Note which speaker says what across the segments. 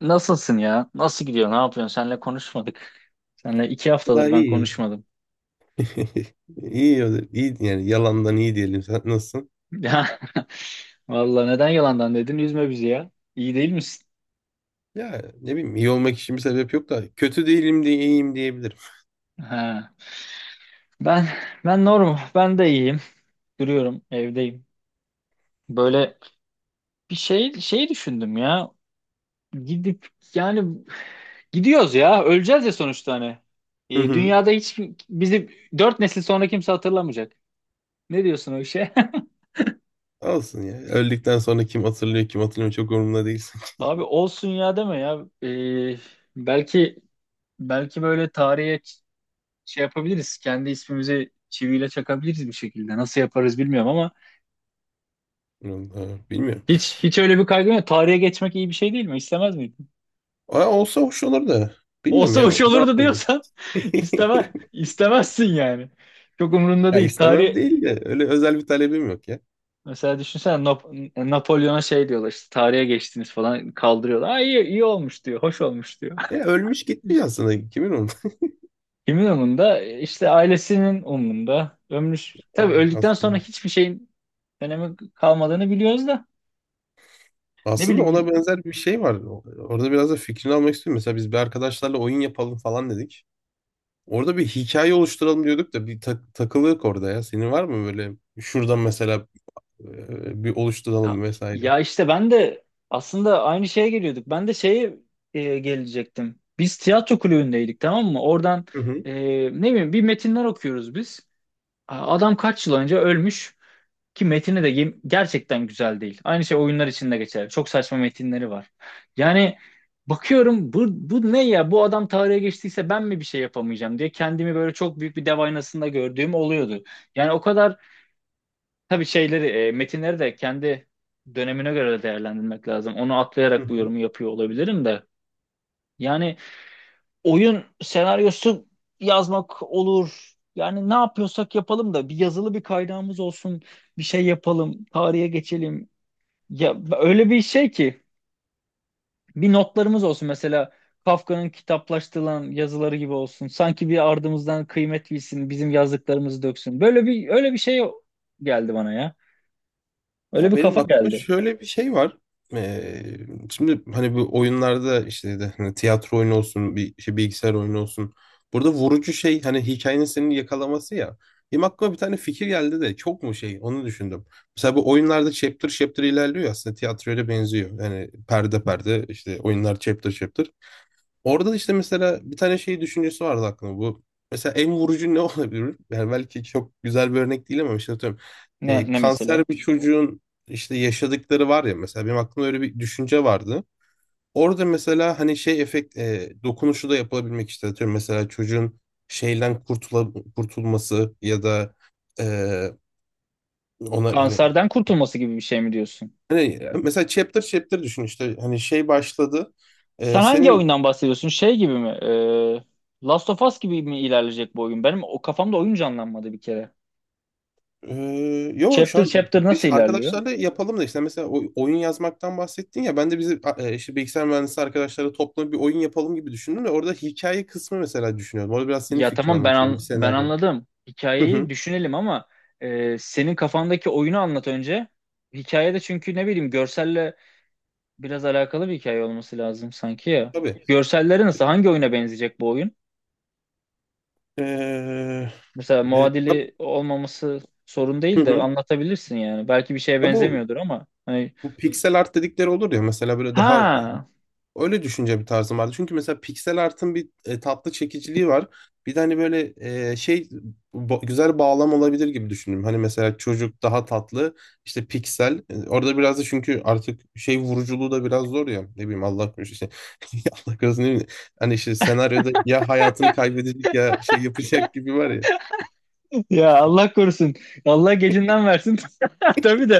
Speaker 1: Nasılsın ya? Nasıl gidiyor? Ne yapıyorsun? Seninle konuşmadık. Seninle 2 haftadır
Speaker 2: Vallahi
Speaker 1: ben
Speaker 2: iyi.
Speaker 1: konuşmadım.
Speaker 2: İyi, ya iyi yani yalandan iyi diyelim. Sen nasılsın?
Speaker 1: Ya vallahi neden yalandan dedin? Üzme bizi ya. İyi değil misin?
Speaker 2: Ya ne bileyim, iyi olmak için bir sebep yok da kötü değilim diye iyiyim diyebilirim.
Speaker 1: Ha. Ben ben normal. Ben de iyiyim. Duruyorum, evdeyim. Böyle bir şey düşündüm ya. Gidip yani gidiyoruz ya. Öleceğiz ya sonuçta hani.
Speaker 2: Hı
Speaker 1: E,
Speaker 2: hı.
Speaker 1: dünyada hiç bizi 4 nesil sonra kimse hatırlamayacak. Ne diyorsun o işe?
Speaker 2: Olsun ya. Öldükten sonra kim hatırlıyor kim hatırlamıyor çok umurumda değil.
Speaker 1: Abi olsun ya deme ya. E, belki Belki böyle tarihe şey yapabiliriz. Kendi ismimizi çiviyle çakabiliriz bir şekilde. Nasıl yaparız bilmiyorum ama
Speaker 2: Bilmiyorum. Bilmiyorum.
Speaker 1: hiç öyle bir kaygım yok. Tarihe geçmek iyi bir şey değil mi? İstemez miydin?
Speaker 2: Aa, olsa hoş olur da. Bilmiyorum
Speaker 1: Olsa
Speaker 2: ya.
Speaker 1: hoş
Speaker 2: Ne
Speaker 1: olurdu
Speaker 2: yapayım?
Speaker 1: diyorsan istemez, istemezsin yani. Çok umurunda
Speaker 2: Ya
Speaker 1: değil. Tarih
Speaker 2: istemem değil de öyle özel bir talebim yok ya.
Speaker 1: mesela düşünsene Napolyon'a şey diyorlar, işte tarihe geçtiniz falan kaldırıyorlar. Aa, iyi olmuş diyor. Hoş olmuş diyor.
Speaker 2: Ya ölmüş gitmiş aslında. Kimin onu?
Speaker 1: Kimin umurunda? İşte ailesinin umurunda. Ömrü
Speaker 2: Ha,
Speaker 1: tabii öldükten
Speaker 2: aslında.
Speaker 1: sonra hiçbir şeyin önemi kalmadığını biliyoruz da ne
Speaker 2: Aslında ona
Speaker 1: bileyim.
Speaker 2: benzer bir şey var. Orada biraz da fikrini almak istiyorum. Mesela biz bir arkadaşlarla oyun yapalım falan dedik. Orada bir hikaye oluşturalım diyorduk da bir takılıyorduk orada ya. Senin var mı böyle şuradan mesela bir
Speaker 1: ya,
Speaker 2: oluşturalım vesaire?
Speaker 1: ya işte ben de aslında aynı şeye geliyorduk. Ben de şeye gelecektim. Biz tiyatro kulübündeydik, tamam mı? Oradan
Speaker 2: Hı hı,
Speaker 1: e, ne bileyim bir metinler okuyoruz biz. Adam kaç yıl önce ölmüş ki metini de gerçekten güzel değil. Aynı şey oyunlar için de geçer. Çok saçma metinleri var. Yani bakıyorum bu ne ya? Bu adam tarihe geçtiyse ben mi bir şey yapamayacağım diye kendimi böyle çok büyük bir dev aynasında gördüğüm oluyordu. Yani o kadar tabii şeyleri, metinleri de kendi dönemine göre de değerlendirmek lazım. Onu
Speaker 2: hı
Speaker 1: atlayarak bu
Speaker 2: hı.
Speaker 1: yorumu yapıyor olabilirim de. Yani oyun senaryosu yazmak olur. Yani ne yapıyorsak yapalım da bir yazılı bir kaynağımız olsun. Bir şey yapalım, tarihe geçelim. Ya öyle bir şey ki bir notlarımız olsun mesela Kafka'nın kitaplaştırılan yazıları gibi olsun. Sanki bir ardımızdan kıymet bilsin, bizim yazdıklarımızı döksün. Böyle bir öyle bir şey geldi bana ya. Öyle
Speaker 2: Ya
Speaker 1: bir
Speaker 2: benim
Speaker 1: kafa
Speaker 2: aklımda
Speaker 1: geldi.
Speaker 2: şöyle bir şey var. Ee, Şimdi hani bu oyunlarda işte de hani tiyatro oyunu olsun, bir şey bilgisayar oyunu olsun. Burada vurucu şey, hani hikayenin seni yakalaması ya. Benim aklıma bir tane fikir geldi de çok mu şey onu düşündüm. Mesela bu oyunlarda chapter chapter ilerliyor ya, aslında tiyatroya da benziyor. Yani perde perde işte oyunlar chapter chapter. Orada da işte mesela bir tane şey düşüncesi vardı aklımda bu. Mesela en vurucu ne olabilir? Yani belki çok güzel bir örnek değil ama işte atıyorum.
Speaker 1: Ne, ne
Speaker 2: Kanser
Speaker 1: mesela?
Speaker 2: bir çocuğun işte yaşadıkları var ya, mesela benim aklımda öyle bir düşünce vardı. Orada mesela hani şey efekt, dokunuşu da yapılabilmek, işte atıyorum mesela çocuğun şeyden kurtulması ya da e, ona hani,
Speaker 1: Kanserden kurtulması gibi bir şey mi diyorsun?
Speaker 2: hani mesela chapter chapter düşün işte hani şey başladı. E,
Speaker 1: Sen hangi
Speaker 2: senin
Speaker 1: oyundan bahsediyorsun? Şey gibi mi? Last of Us gibi mi ilerleyecek bu oyun? Benim o kafamda oyun canlanmadı bir kere.
Speaker 2: Yo, şu
Speaker 1: Chapter
Speaker 2: an
Speaker 1: chapter
Speaker 2: biz
Speaker 1: nasıl ilerliyor?
Speaker 2: arkadaşlarla yapalım da işte mesela oyun yazmaktan bahsettin ya, ben de bizi işte bilgisayar mühendisi arkadaşlarla toplanıp bir oyun yapalım gibi düşündüm de orada hikaye kısmı mesela düşünüyordum. Orada biraz senin
Speaker 1: Ya
Speaker 2: fikrini
Speaker 1: tamam, ben
Speaker 2: almak istiyorum.
Speaker 1: an-
Speaker 2: Bir
Speaker 1: ben
Speaker 2: senaryo.
Speaker 1: anladım.
Speaker 2: Hı
Speaker 1: Hikayeyi
Speaker 2: hı.
Speaker 1: düşünelim ama senin kafandaki oyunu anlat önce. Hikayede çünkü ne bileyim görselle biraz alakalı bir hikaye olması lazım sanki ya.
Speaker 2: Tabii.
Speaker 1: Görselleri nasıl? Hangi oyuna benzeyecek bu oyun?
Speaker 2: Ee,
Speaker 1: Mesela
Speaker 2: e,
Speaker 1: muadili olmaması sorun
Speaker 2: hı
Speaker 1: değil de
Speaker 2: hı.
Speaker 1: anlatabilirsin yani. Belki bir şeye
Speaker 2: Ya bu
Speaker 1: benzemiyordur ama hani
Speaker 2: pixel art dedikleri olur ya mesela, böyle daha
Speaker 1: ha,
Speaker 2: öyle düşünce bir tarzım vardı. Çünkü mesela piksel artın bir tatlı çekiciliği var. Bir de hani böyle e, şey güzel bağlam olabilir gibi düşündüm. Hani mesela çocuk daha tatlı işte piksel. E, orada biraz da çünkü artık şey vuruculuğu da biraz zor ya. Ne bileyim, Allah korusun işte. Allah korusun, ne bileyim. Hani işte senaryoda ya hayatını kaybedecek ya şey yapacak gibi var ya.
Speaker 1: ya Allah korusun. Allah gecinden versin. Tabii de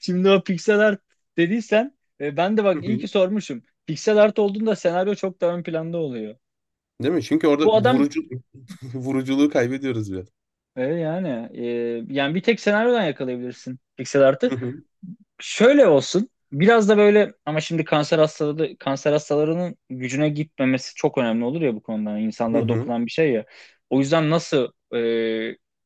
Speaker 1: şimdi o pixel art dediysen, ben de
Speaker 2: Hı
Speaker 1: bak iyi ki
Speaker 2: hı.
Speaker 1: sormuşum. Pixel art olduğunda senaryo çok daha ön planda oluyor.
Speaker 2: Değil mi? Çünkü
Speaker 1: Bu
Speaker 2: orada
Speaker 1: adam
Speaker 2: vurucu vuruculuğu kaybediyoruz biraz.
Speaker 1: e, yani e, yani bir tek senaryodan yakalayabilirsin pixel art'ı.
Speaker 2: Hı hı.
Speaker 1: Şöyle olsun. Biraz da böyle ama şimdi kanser hastaları kanser hastalarının gücüne gitmemesi çok önemli olur ya bu konuda. Yani
Speaker 2: Hı
Speaker 1: İnsanlara
Speaker 2: hı.
Speaker 1: dokunan bir şey ya. O yüzden nasıl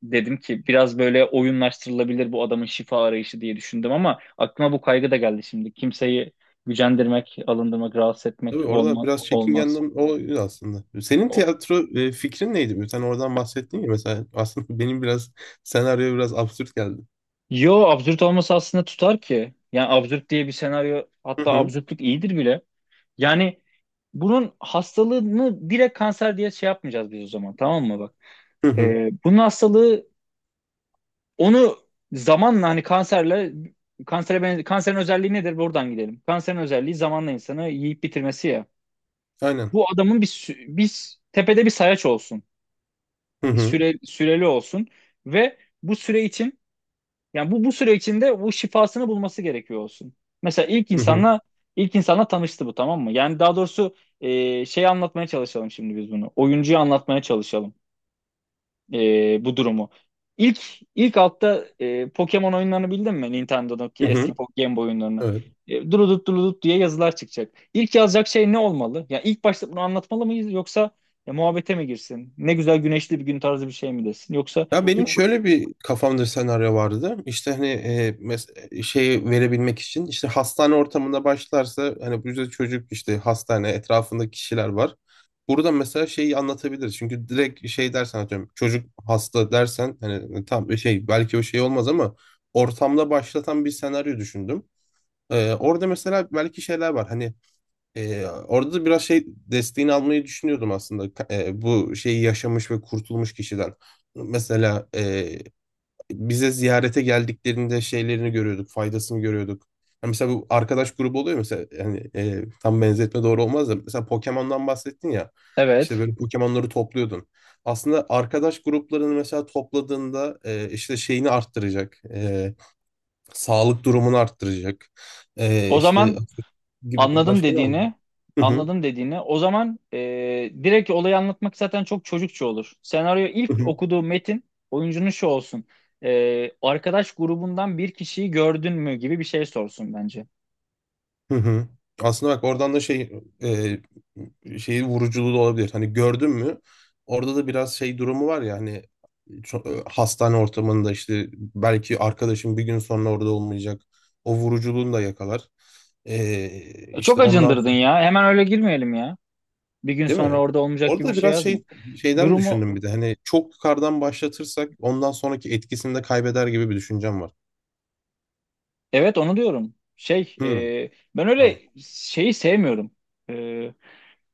Speaker 1: dedim ki biraz böyle oyunlaştırılabilir bu adamın şifa arayışı diye düşündüm ama aklıma bu kaygı da geldi şimdi. Kimseyi gücendirmek, alındırmak, rahatsız etmek
Speaker 2: Tabii orada biraz çekingen
Speaker 1: olmaz.
Speaker 2: o aslında. Senin
Speaker 1: O-
Speaker 2: tiyatro fikrin neydi? Sen oradan bahsettin ya, mesela aslında benim biraz senaryo biraz absürt geldi.
Speaker 1: Yo, absürt olması aslında tutar ki. Yani absürt diye bir senaryo,
Speaker 2: Hı
Speaker 1: hatta
Speaker 2: hı.
Speaker 1: absürtlük iyidir bile. Yani bunun hastalığını direkt kanser diye şey yapmayacağız biz o zaman, tamam mı, bak.
Speaker 2: Hı hı.
Speaker 1: Bunun hastalığı onu zamanla hani kanserle kanserin özelliği nedir? Buradan gidelim. Kanserin özelliği zamanla insanı yiyip bitirmesi ya.
Speaker 2: Aynen.
Speaker 1: Bu adamın bir sü- bir s- tepede bir sayaç olsun.
Speaker 2: Hı
Speaker 1: Bir
Speaker 2: hı.
Speaker 1: süre süreli olsun ve bu süre için yani bu süre içinde bu şifasını bulması gerekiyor olsun. Mesela
Speaker 2: Hı hı.
Speaker 1: ilk insanla tanıştı bu, tamam mı? Yani daha doğrusu şey anlatmaya çalışalım şimdi biz bunu. Oyuncuya anlatmaya çalışalım bu durumu. İlk ilk altta Pokemon oyunlarını bildin mi? Nintendo'daki
Speaker 2: Hı
Speaker 1: eski
Speaker 2: hı.
Speaker 1: Game Boy oyunlarını.
Speaker 2: Evet.
Speaker 1: E, durudut durudut diye yazılar çıkacak. İlk yazacak şey ne olmalı? Yani ilk başta bunu anlatmalı mıyız, yoksa muhabbete mi girsin? Ne güzel güneşli bir gün tarzı bir şey mi desin? Yoksa
Speaker 2: Ya
Speaker 1: ilk...
Speaker 2: benim şöyle bir kafamda senaryo vardı. İşte hani şey verebilmek için işte hastane ortamında başlarsa, hani bu yüzden çocuk işte hastane etrafında kişiler var. Burada mesela şeyi anlatabiliriz. Çünkü direkt şey dersen, atıyorum çocuk hasta dersen, hani şey belki o şey olmaz ama ortamda başlatan bir senaryo düşündüm. Orada mesela belki şeyler var. Hani orada da biraz şey desteğini almayı düşünüyordum aslında bu şeyi yaşamış ve kurtulmuş kişiden. Mesela bize ziyarete geldiklerinde şeylerini görüyorduk, faydasını görüyorduk. Yani mesela bu arkadaş grubu oluyor mesela, yani tam benzetme doğru olmaz da mesela Pokemon'dan bahsettin ya. İşte
Speaker 1: Evet.
Speaker 2: böyle Pokemon'ları topluyordun. Aslında arkadaş gruplarını mesela topladığında işte şeyini arttıracak. Sağlık durumunu arttıracak. E,
Speaker 1: O
Speaker 2: işte
Speaker 1: zaman
Speaker 2: gibi
Speaker 1: Anladım
Speaker 2: başka ne var?
Speaker 1: dediğini,
Speaker 2: Hı
Speaker 1: anladım dediğini. O zaman direkt olayı anlatmak zaten çok çocukça olur. Senaryo ilk
Speaker 2: hı.
Speaker 1: okuduğu metin oyuncunun şu olsun. E, arkadaş grubundan bir kişiyi gördün mü gibi bir şey sorsun bence.
Speaker 2: Hı hı. Aslında bak oradan da şey, şeyi vuruculuğu da olabilir. Hani gördün mü? Orada da biraz şey durumu var ya, hani hastane ortamında işte belki arkadaşım bir gün sonra orada olmayacak. O vuruculuğunu da yakalar. E,
Speaker 1: E, çok
Speaker 2: işte ondan
Speaker 1: acındırdın ya. Hemen öyle girmeyelim ya. Bir gün
Speaker 2: değil
Speaker 1: sonra
Speaker 2: mi?
Speaker 1: orada olmayacak gibi
Speaker 2: Orada
Speaker 1: bir
Speaker 2: da
Speaker 1: şey
Speaker 2: biraz
Speaker 1: yazma.
Speaker 2: şey şeyden
Speaker 1: Durumu,
Speaker 2: düşündüm, bir de hani çok yukarıdan başlatırsak ondan sonraki etkisini de kaybeder gibi bir düşüncem var.
Speaker 1: evet onu diyorum.
Speaker 2: Hı,
Speaker 1: E, ben
Speaker 2: tamam.
Speaker 1: öyle şeyi sevmiyorum. E,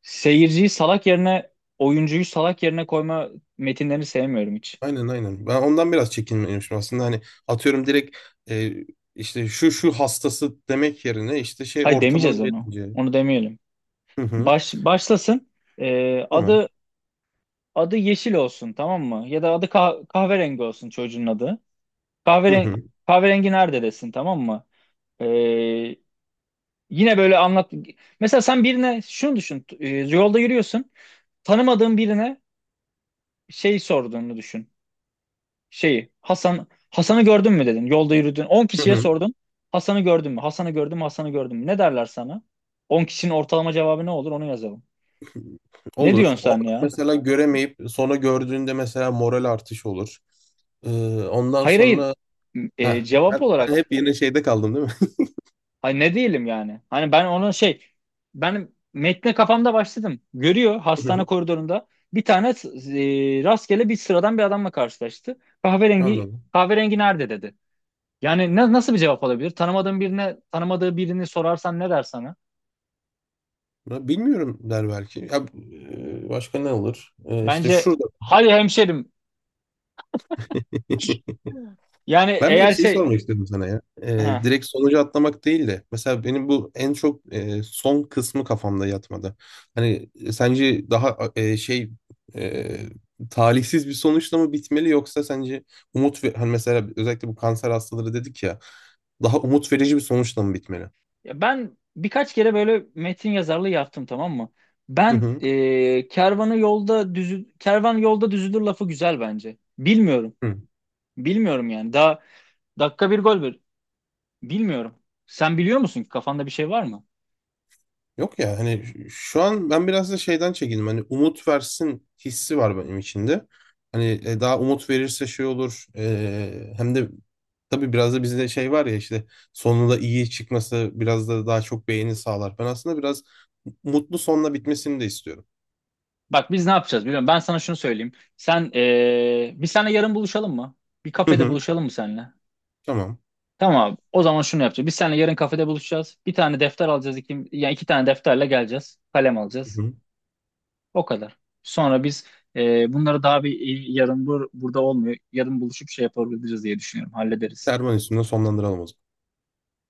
Speaker 1: seyirciyi salak yerine, oyuncuyu salak yerine koyma metinlerini sevmiyorum hiç.
Speaker 2: Aynen aynen. Ben ondan biraz çekinmemişim aslında. Hani atıyorum direkt e, işte şu şu hastası demek yerine işte şey
Speaker 1: Hayır,
Speaker 2: ortamını
Speaker 1: demeyeceğiz onu.
Speaker 2: verince.
Speaker 1: Onu demeyelim.
Speaker 2: Hı hı.
Speaker 1: Başlasın. Ee,
Speaker 2: Tamam.
Speaker 1: adı adı yeşil olsun, tamam mı? Ya da adı kahverengi olsun çocuğun adı.
Speaker 2: Hı
Speaker 1: Kahveren
Speaker 2: hı.
Speaker 1: kahverengi nerede desin, tamam mı? Ee, yine böyle anlat. Mesela sen birine şunu düşün. Yolda yürüyorsun. Tanımadığın birine şey sorduğunu düşün. Hasan'ı gördün mü dedin. Yolda yürüdün. On
Speaker 2: Hı
Speaker 1: kişiye
Speaker 2: hı.
Speaker 1: sordun. Hasan'ı gördün mü? Hasan'ı gördün mü? Hasan'ı gördün mü? Ne derler sana? 10 kişinin ortalama cevabı ne olur? Onu yazalım. Ne
Speaker 2: Olur.
Speaker 1: diyorsun
Speaker 2: Orada
Speaker 1: sen ya?
Speaker 2: mesela göremeyip sonra gördüğünde mesela moral artışı olur. Ee, ondan
Speaker 1: Hayır, hayır.
Speaker 2: sonra ha,
Speaker 1: E, cevap
Speaker 2: ben hep
Speaker 1: olarak
Speaker 2: yine şeyde kaldım değil mi?
Speaker 1: hani ne diyelim yani? Hani ben ona ben metne kafamda başladım. Görüyor,
Speaker 2: Hı
Speaker 1: hastane
Speaker 2: hı.
Speaker 1: koridorunda bir tane rastgele bir sıradan bir adamla karşılaştı. Kahverengi
Speaker 2: Anladım.
Speaker 1: kahverengi nerede dedi. Yani nasıl bir cevap olabilir? Tanımadığın birine tanımadığı birini sorarsan ne der sana?
Speaker 2: Ya bilmiyorum der belki. Ya, başka ne olur? E, işte
Speaker 1: Bence
Speaker 2: şurada.
Speaker 1: hayır hemşerim. Yani
Speaker 2: Ben bir de
Speaker 1: eğer
Speaker 2: şey
Speaker 1: şey
Speaker 2: sormak istedim sana ya.
Speaker 1: he.
Speaker 2: Direkt sonucu atlamak değil de. Mesela benim bu en çok son kısmı kafamda yatmadı. Hani sence daha e, talihsiz bir sonuçla mı bitmeli, yoksa sence umut ve hani mesela özellikle bu kanser hastaları dedik ya, daha umut verici bir sonuçla mı bitmeli?
Speaker 1: Ya ben birkaç kere böyle metin yazarlığı yaptım, tamam mı?
Speaker 2: Hı
Speaker 1: Ben
Speaker 2: hı.
Speaker 1: kervan yolda düzülür lafı güzel bence. Bilmiyorum.
Speaker 2: Hı.
Speaker 1: Bilmiyorum yani. Daha dakika 1 gol 1. Bilmiyorum. Sen biliyor musun ki, kafanda bir şey var mı?
Speaker 2: Yok ya, hani şu an ben biraz da şeyden çekindim. Hani umut versin hissi var benim içinde. Hani daha umut verirse şey olur. E, hem de tabii biraz da bizde şey var ya, işte sonunda iyi çıkması biraz da daha çok beğeni sağlar. Ben aslında biraz mutlu sonla bitmesini de istiyorum.
Speaker 1: Bak biz ne yapacağız, biliyorum. Ben sana şunu söyleyeyim. Biz seninle yarın buluşalım mı? Bir
Speaker 2: Hı
Speaker 1: kafede
Speaker 2: hı.
Speaker 1: buluşalım mı seninle?
Speaker 2: Tamam.
Speaker 1: Tamam abi. O zaman şunu yapacağız. Biz seninle yarın kafede buluşacağız. Bir tane defter alacağız. Iki, yani 2 tane defterle geleceğiz. Kalem
Speaker 2: Hı
Speaker 1: alacağız.
Speaker 2: hı.
Speaker 1: O kadar. Sonra biz bunları daha bir yarın burada olmuyor. Yarın buluşup şey yapabiliriz diye düşünüyorum. Hallederiz.
Speaker 2: Kervan üstünde sonlandıralım o zaman.